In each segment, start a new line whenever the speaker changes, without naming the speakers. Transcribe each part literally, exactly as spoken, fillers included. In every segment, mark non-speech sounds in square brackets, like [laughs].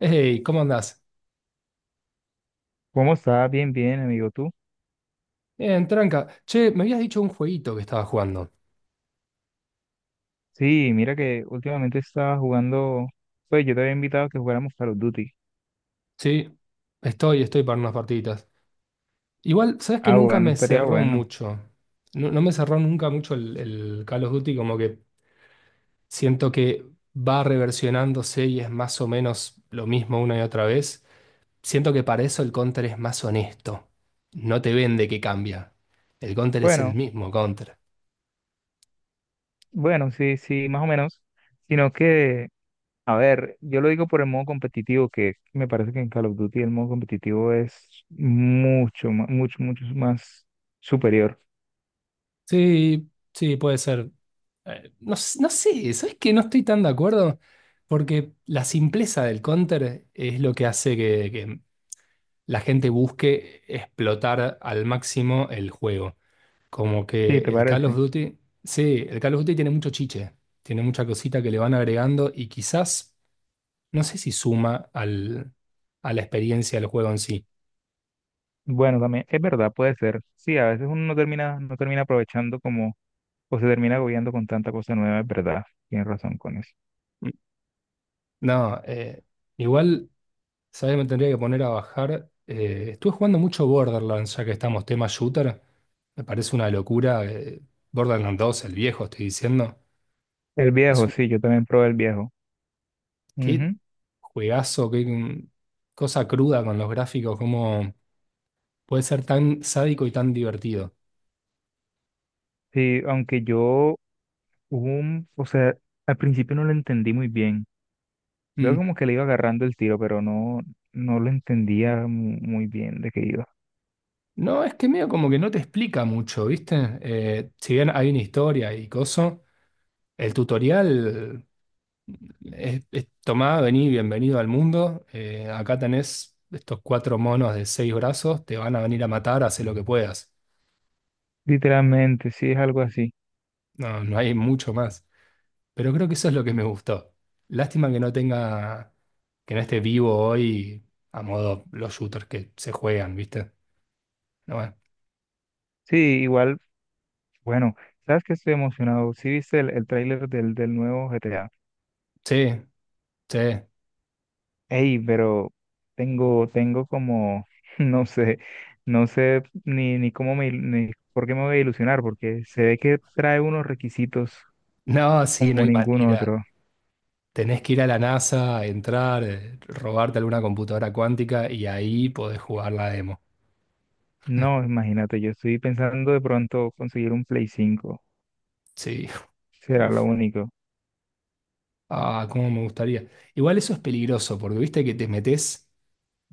Hey, ¿cómo andás?
¿Cómo estás? Bien, bien, amigo, tú.
Bien, tranca. Che, me habías dicho un jueguito que estabas jugando.
Sí, mira que últimamente estaba jugando, pues yo te había invitado a que jugáramos Call of Duty.
Sí, estoy, estoy para unas partiditas. Igual, sabes que
Ah,
nunca
bueno,
me
estaría
cerró
bueno.
mucho. No, no me cerró nunca mucho el, el Call of Duty, como que siento que va reversionándose y es más o menos lo mismo una y otra vez. Siento que para eso el Counter es más honesto. No te vende que cambia. El Counter es el
Bueno,
mismo Counter.
bueno, sí, sí, más o menos. Sino que, a ver, yo lo digo por el modo competitivo, que me parece que en Call of Duty el modo competitivo es mucho, ma- mucho, mucho más superior.
Sí, sí, puede ser. Eh, no, s- no sé, ¿sabes que no estoy tan de acuerdo porque la simpleza del counter es lo que hace que, que la gente busque explotar al máximo el juego? Como
Sí, ¿te
que el Call of
parece?
Duty, sí, el Call of Duty tiene mucho chiche, tiene mucha cosita que le van agregando y quizás, no sé si suma al, a la experiencia del juego en sí.
Bueno, también, es verdad, puede ser. Sí, a veces uno no termina, no termina aprovechando, como o se termina agobiando con tanta cosa nueva, es verdad. Tienes razón con eso.
No, eh, igual. ¿Sabes? Me tendría que poner a bajar. Eh, estuve jugando mucho Borderlands, ya que estamos tema shooter. Me parece una locura. eh, Borderlands dos, el viejo, estoy diciendo.
El
Es
viejo,
un,
sí, yo también probé el viejo.
Qué
Ujú.
juegazo, qué mm, cosa cruda con los gráficos, cómo puede ser tan sádico y tan divertido.
Sí, aunque yo, hubo un, o sea, al principio no lo entendí muy bien.
Mm.
Luego como que le iba agarrando el tiro, pero no, no lo entendía mu- muy bien de qué iba.
No, es que medio como que no te explica mucho, ¿viste? Eh, si bien hay una historia y coso, el tutorial Es, es- tomá, vení, bienvenido al mundo. Eh, acá tenés estos cuatro monos de seis brazos, te van a venir a matar, haz lo que puedas.
Literalmente, sí, es algo así.
No, no hay mucho más. Pero creo que eso es lo que me gustó. Lástima que no tenga, que no esté vivo hoy a modo los shooters que se juegan, ¿viste? No, bueno.
Sí, igual, bueno, sabes que estoy emocionado. Sí, viste el, el tráiler del, del nuevo G T A.
Sí, sí.
Ey, pero tengo, tengo como, [laughs] no sé, no sé ni, ni cómo me, il- ni por qué me voy a ilusionar, porque se ve que trae unos requisitos
No, sí, no
como
hay
ningún
manera.
otro.
Tenés que ir a la NASA, entrar, eh, robarte alguna computadora cuántica y ahí podés jugar la demo.
No, imagínate, yo estoy pensando de pronto conseguir un Play cinco,
Sí, [laughs]
será lo
uff.
único.
Ah, cómo me gustaría. Igual eso es peligroso, porque viste que te metes,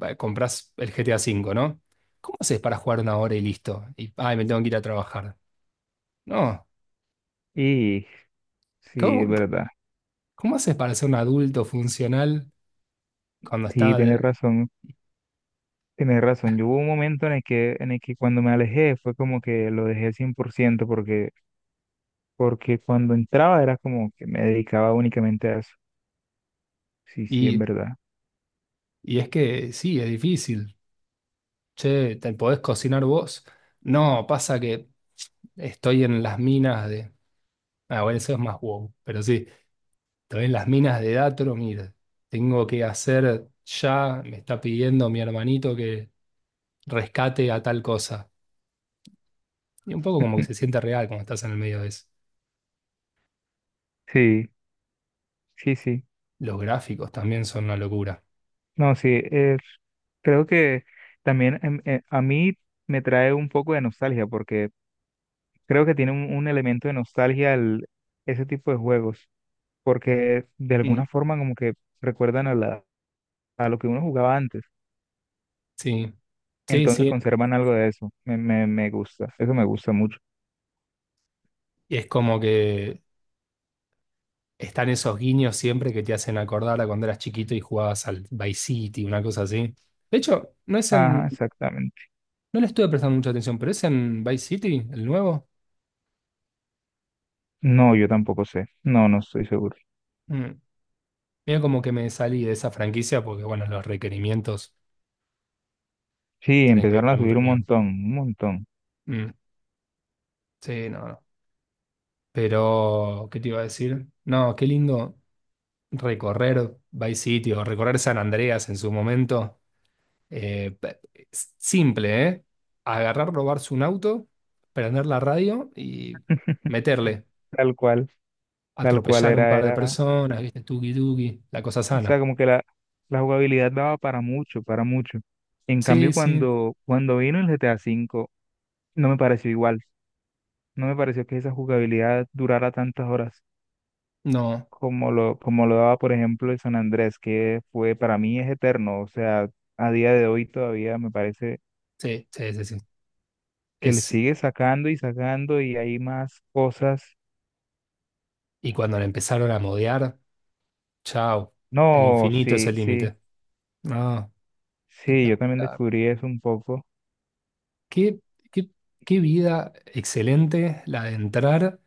va, compras el G T A cinco, ¿no? ¿Cómo haces para jugar una hora y listo? Y, ay, me tengo que ir a trabajar. No,
Y sí, es
¿cómo,
verdad,
cómo haces para ser un adulto funcional cuando
sí,
está...
tienes razón, tienes razón. Yo hubo un momento en el que, en el que cuando me alejé fue como que lo dejé cien por ciento, porque porque cuando entraba era como que me dedicaba únicamente a eso. Sí, sí, es
Y,
verdad.
y es que sí, es difícil. Che, ¿te podés cocinar vos? No, pasa que estoy en las minas de... Ah, bueno, eso es más wow, pero sí. Entonces las minas de Datro, mira, tengo que hacer ya, me está pidiendo mi hermanito que rescate a tal cosa. Y un poco como que se
[laughs]
siente real cuando estás en el medio de eso.
Sí, sí, sí.
Los gráficos también son una locura.
No, sí, eh, creo que también em, eh, a mí me trae un poco de nostalgia porque creo que tiene un, un elemento de nostalgia el- ese tipo de juegos, porque de
Mm,
alguna forma como que recuerdan a la, a lo que uno jugaba antes,
sí, sí,
entonces
sí.
conservan algo de eso. Me, me, me gusta, eso me gusta mucho.
Y es como que están esos guiños siempre que te hacen acordar a cuando eras chiquito y jugabas al Vice City, una cosa así. De hecho, no es
Ajá,
en,
exactamente.
no le estuve prestando mucha atención, pero es en Vice City, el nuevo.
No, yo tampoco sé, no, no estoy seguro.
Mm. Mira como que me salí de esa franquicia porque, bueno, los requerimientos.
Sí,
Tenés que
empezaron a
dejar un
subir un
riñón.
montón, un montón.
Mm, sí, no, no. Pero, ¿qué te iba a decir? No, qué lindo recorrer Vice City o recorrer San Andreas en su momento. Eh, pe- es simple, ¿eh? Agarrar, robarse un auto, prender la radio y
[laughs]
meterle.
Tal cual, tal cual
Atropellar un
era,
par de
era,
personas, ¿viste? Tuki tuki, la cosa
o sea,
sana.
como que la, la jugabilidad daba para mucho, para mucho. En
Sí,
cambio,
sí,
cuando, cuando vino el G T A cinco no me pareció igual. No me pareció que esa jugabilidad durara tantas horas
no.
como lo, como lo daba, por ejemplo, el San Andrés, que fue, para mí es eterno. O sea, a día de hoy todavía me parece
Sí, sí, sí, sí.
que le
Es,
sigue sacando y sacando y hay más cosas.
y cuando le empezaron a modear, chao. El
No,
infinito es
sí,
el
sí,
límite. No,
sí, yo también
espectacular.
descubrí eso un poco.
Qué, qué, qué vida excelente la de entrar,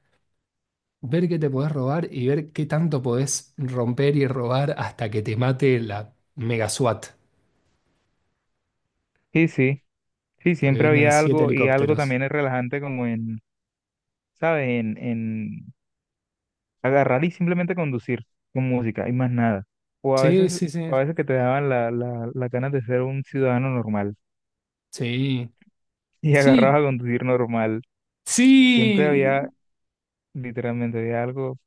ver qué te podés robar y ver qué tanto podés romper y robar hasta que te mate la mega SWAT,
Sí, sí, sí,
hasta que
siempre
vengan
había
siete
algo, y algo
helicópteros.
también es relajante como en, ¿sabes? En, en agarrar y simplemente conducir con música y más nada. O a
Sí,
veces,
sí, sí,
a veces que te daban la, la, las ganas de ser un ciudadano normal
sí,
[laughs] y
sí,
agarrabas a conducir normal. Siempre había,
sí.
literalmente, había algo,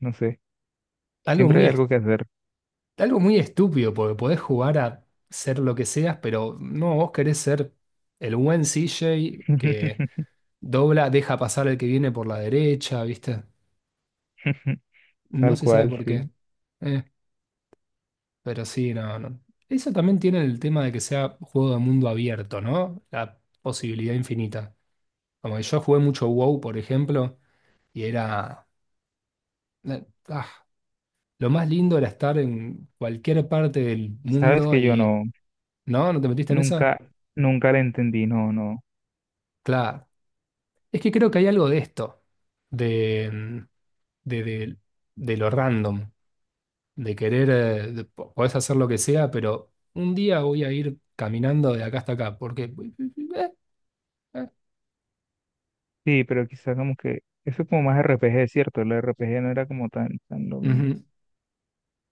no sé,
Algo
siempre
muy,
hay
est-
algo que hacer.
Algo muy estúpido, porque podés jugar a ser lo que seas, pero no, vos querés ser el buen C J que
[laughs]
dobla, deja pasar al que viene por la derecha, ¿viste? No
Tal
se sabe
cual,
por
sí.
qué. eh. Pero sí, no, no. Eso también tiene el tema de que sea juego de mundo abierto, ¿no? La posibilidad infinita. Como que yo jugué mucho WoW, por ejemplo, y era... eh, ah, lo más lindo era estar en cualquier parte del
Sabes
mundo
que yo
y...
no,
¿No? ¿No te metiste en esa?
nunca, nunca le entendí, no, no.
Claro. Es que creo que hay algo de esto, de, mm, de, de- de lo random, de querer... eh, de- po- podés hacer lo que sea, pero un día voy a ir caminando de acá hasta acá, porque... eh, eh,
Sí, pero quizás como que eso es como más R P G, ¿cierto? El R P G no era como tan, tan lo
eh,
mío.
ujú.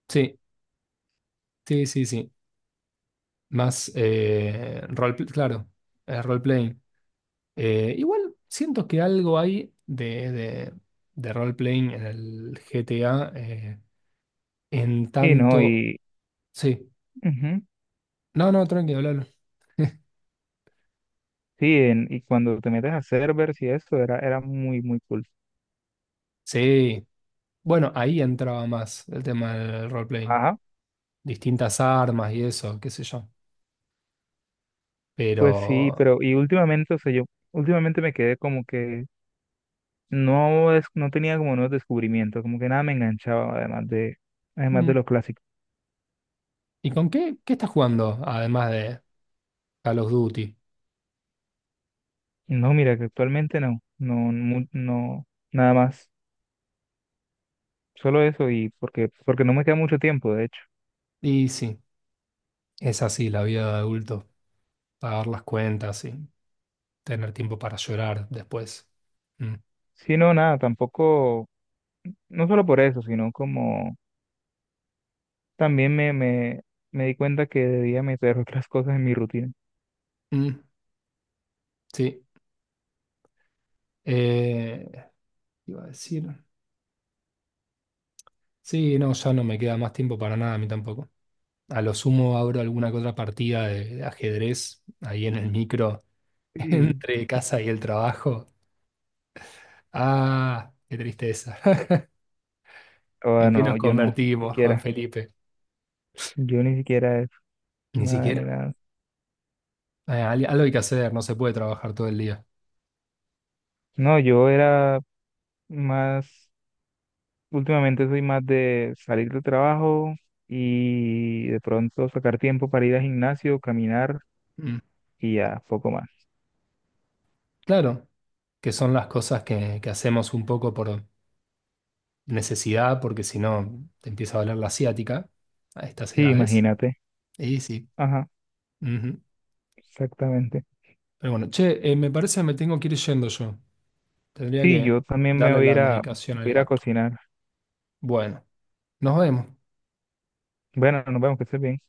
Sí, sí, sí, sí. Más, eh, role, pl- claro, eh, role-playing. Eh, igual siento que algo hay de, de, de role-playing en el G T A, eh, en
Y no,
tanto.
y...
Sí.
ujú.
No, no, tranquilo, hablalo.
Sí, en- y cuando te metes a servers y eso, era, era muy, muy cool.
Sí. Bueno, ahí entraba más el tema del role-playing.
Ajá,
Distintas armas y eso, qué sé yo.
pues sí,
Pero.
pero y últimamente, o sea, yo últimamente me quedé como que no, es, no tenía como nuevos descubrimientos, como que nada me enganchaba, además de, además de
mm,
lo clásico.
¿Y con qué? ¿Qué estás jugando? Además de Call of Duty.
No, mira, que actualmente no, no, mu- no, nada más, solo eso y porque, porque no me queda mucho tiempo, de hecho.
Y sí, es así la vida de adulto. Pagar las cuentas y tener tiempo para llorar después. Mm,
Sí, no, nada, tampoco, no solo por eso, sino como también me, me, me di cuenta que debía meter [laughs] otras cosas en mi rutina.
mm, sí. Eh, Iba a decir. Sí, no, ya no me queda más tiempo para nada, a mí tampoco. A lo sumo abro alguna que otra partida de, ajedrez ahí en el micro, [laughs]
Sí.
entre casa y el trabajo. Ah, qué tristeza. [laughs]
Oh,
¿En qué nos
no, yo no, ni
convertimos, Juan
siquiera.
Felipe?
Yo ni siquiera eso,
Ni
nada
siquiera.
ni nada.
Eh, al- algo hay que hacer, no se puede trabajar todo el día.
No, yo era más, últimamente soy más de salir del trabajo y de pronto sacar tiempo para ir al gimnasio, caminar
Mm.
y ya, poco más.
Claro, que son las cosas que, que hacemos un poco por necesidad, porque si no te empieza a doler la ciática a estas
Sí,
edades.
imagínate.
Y sí.
Ajá,
Ujú.
exactamente.
Pero bueno, che, eh, me parece que me tengo que ir yendo yo. Tendría
Sí,
que
yo también me
darle
voy a
la
ir a,
medicación
voy a
al
ir a
gato.
cocinar.
Bueno, nos vemos.
Bueno, nos vemos, que estés bien.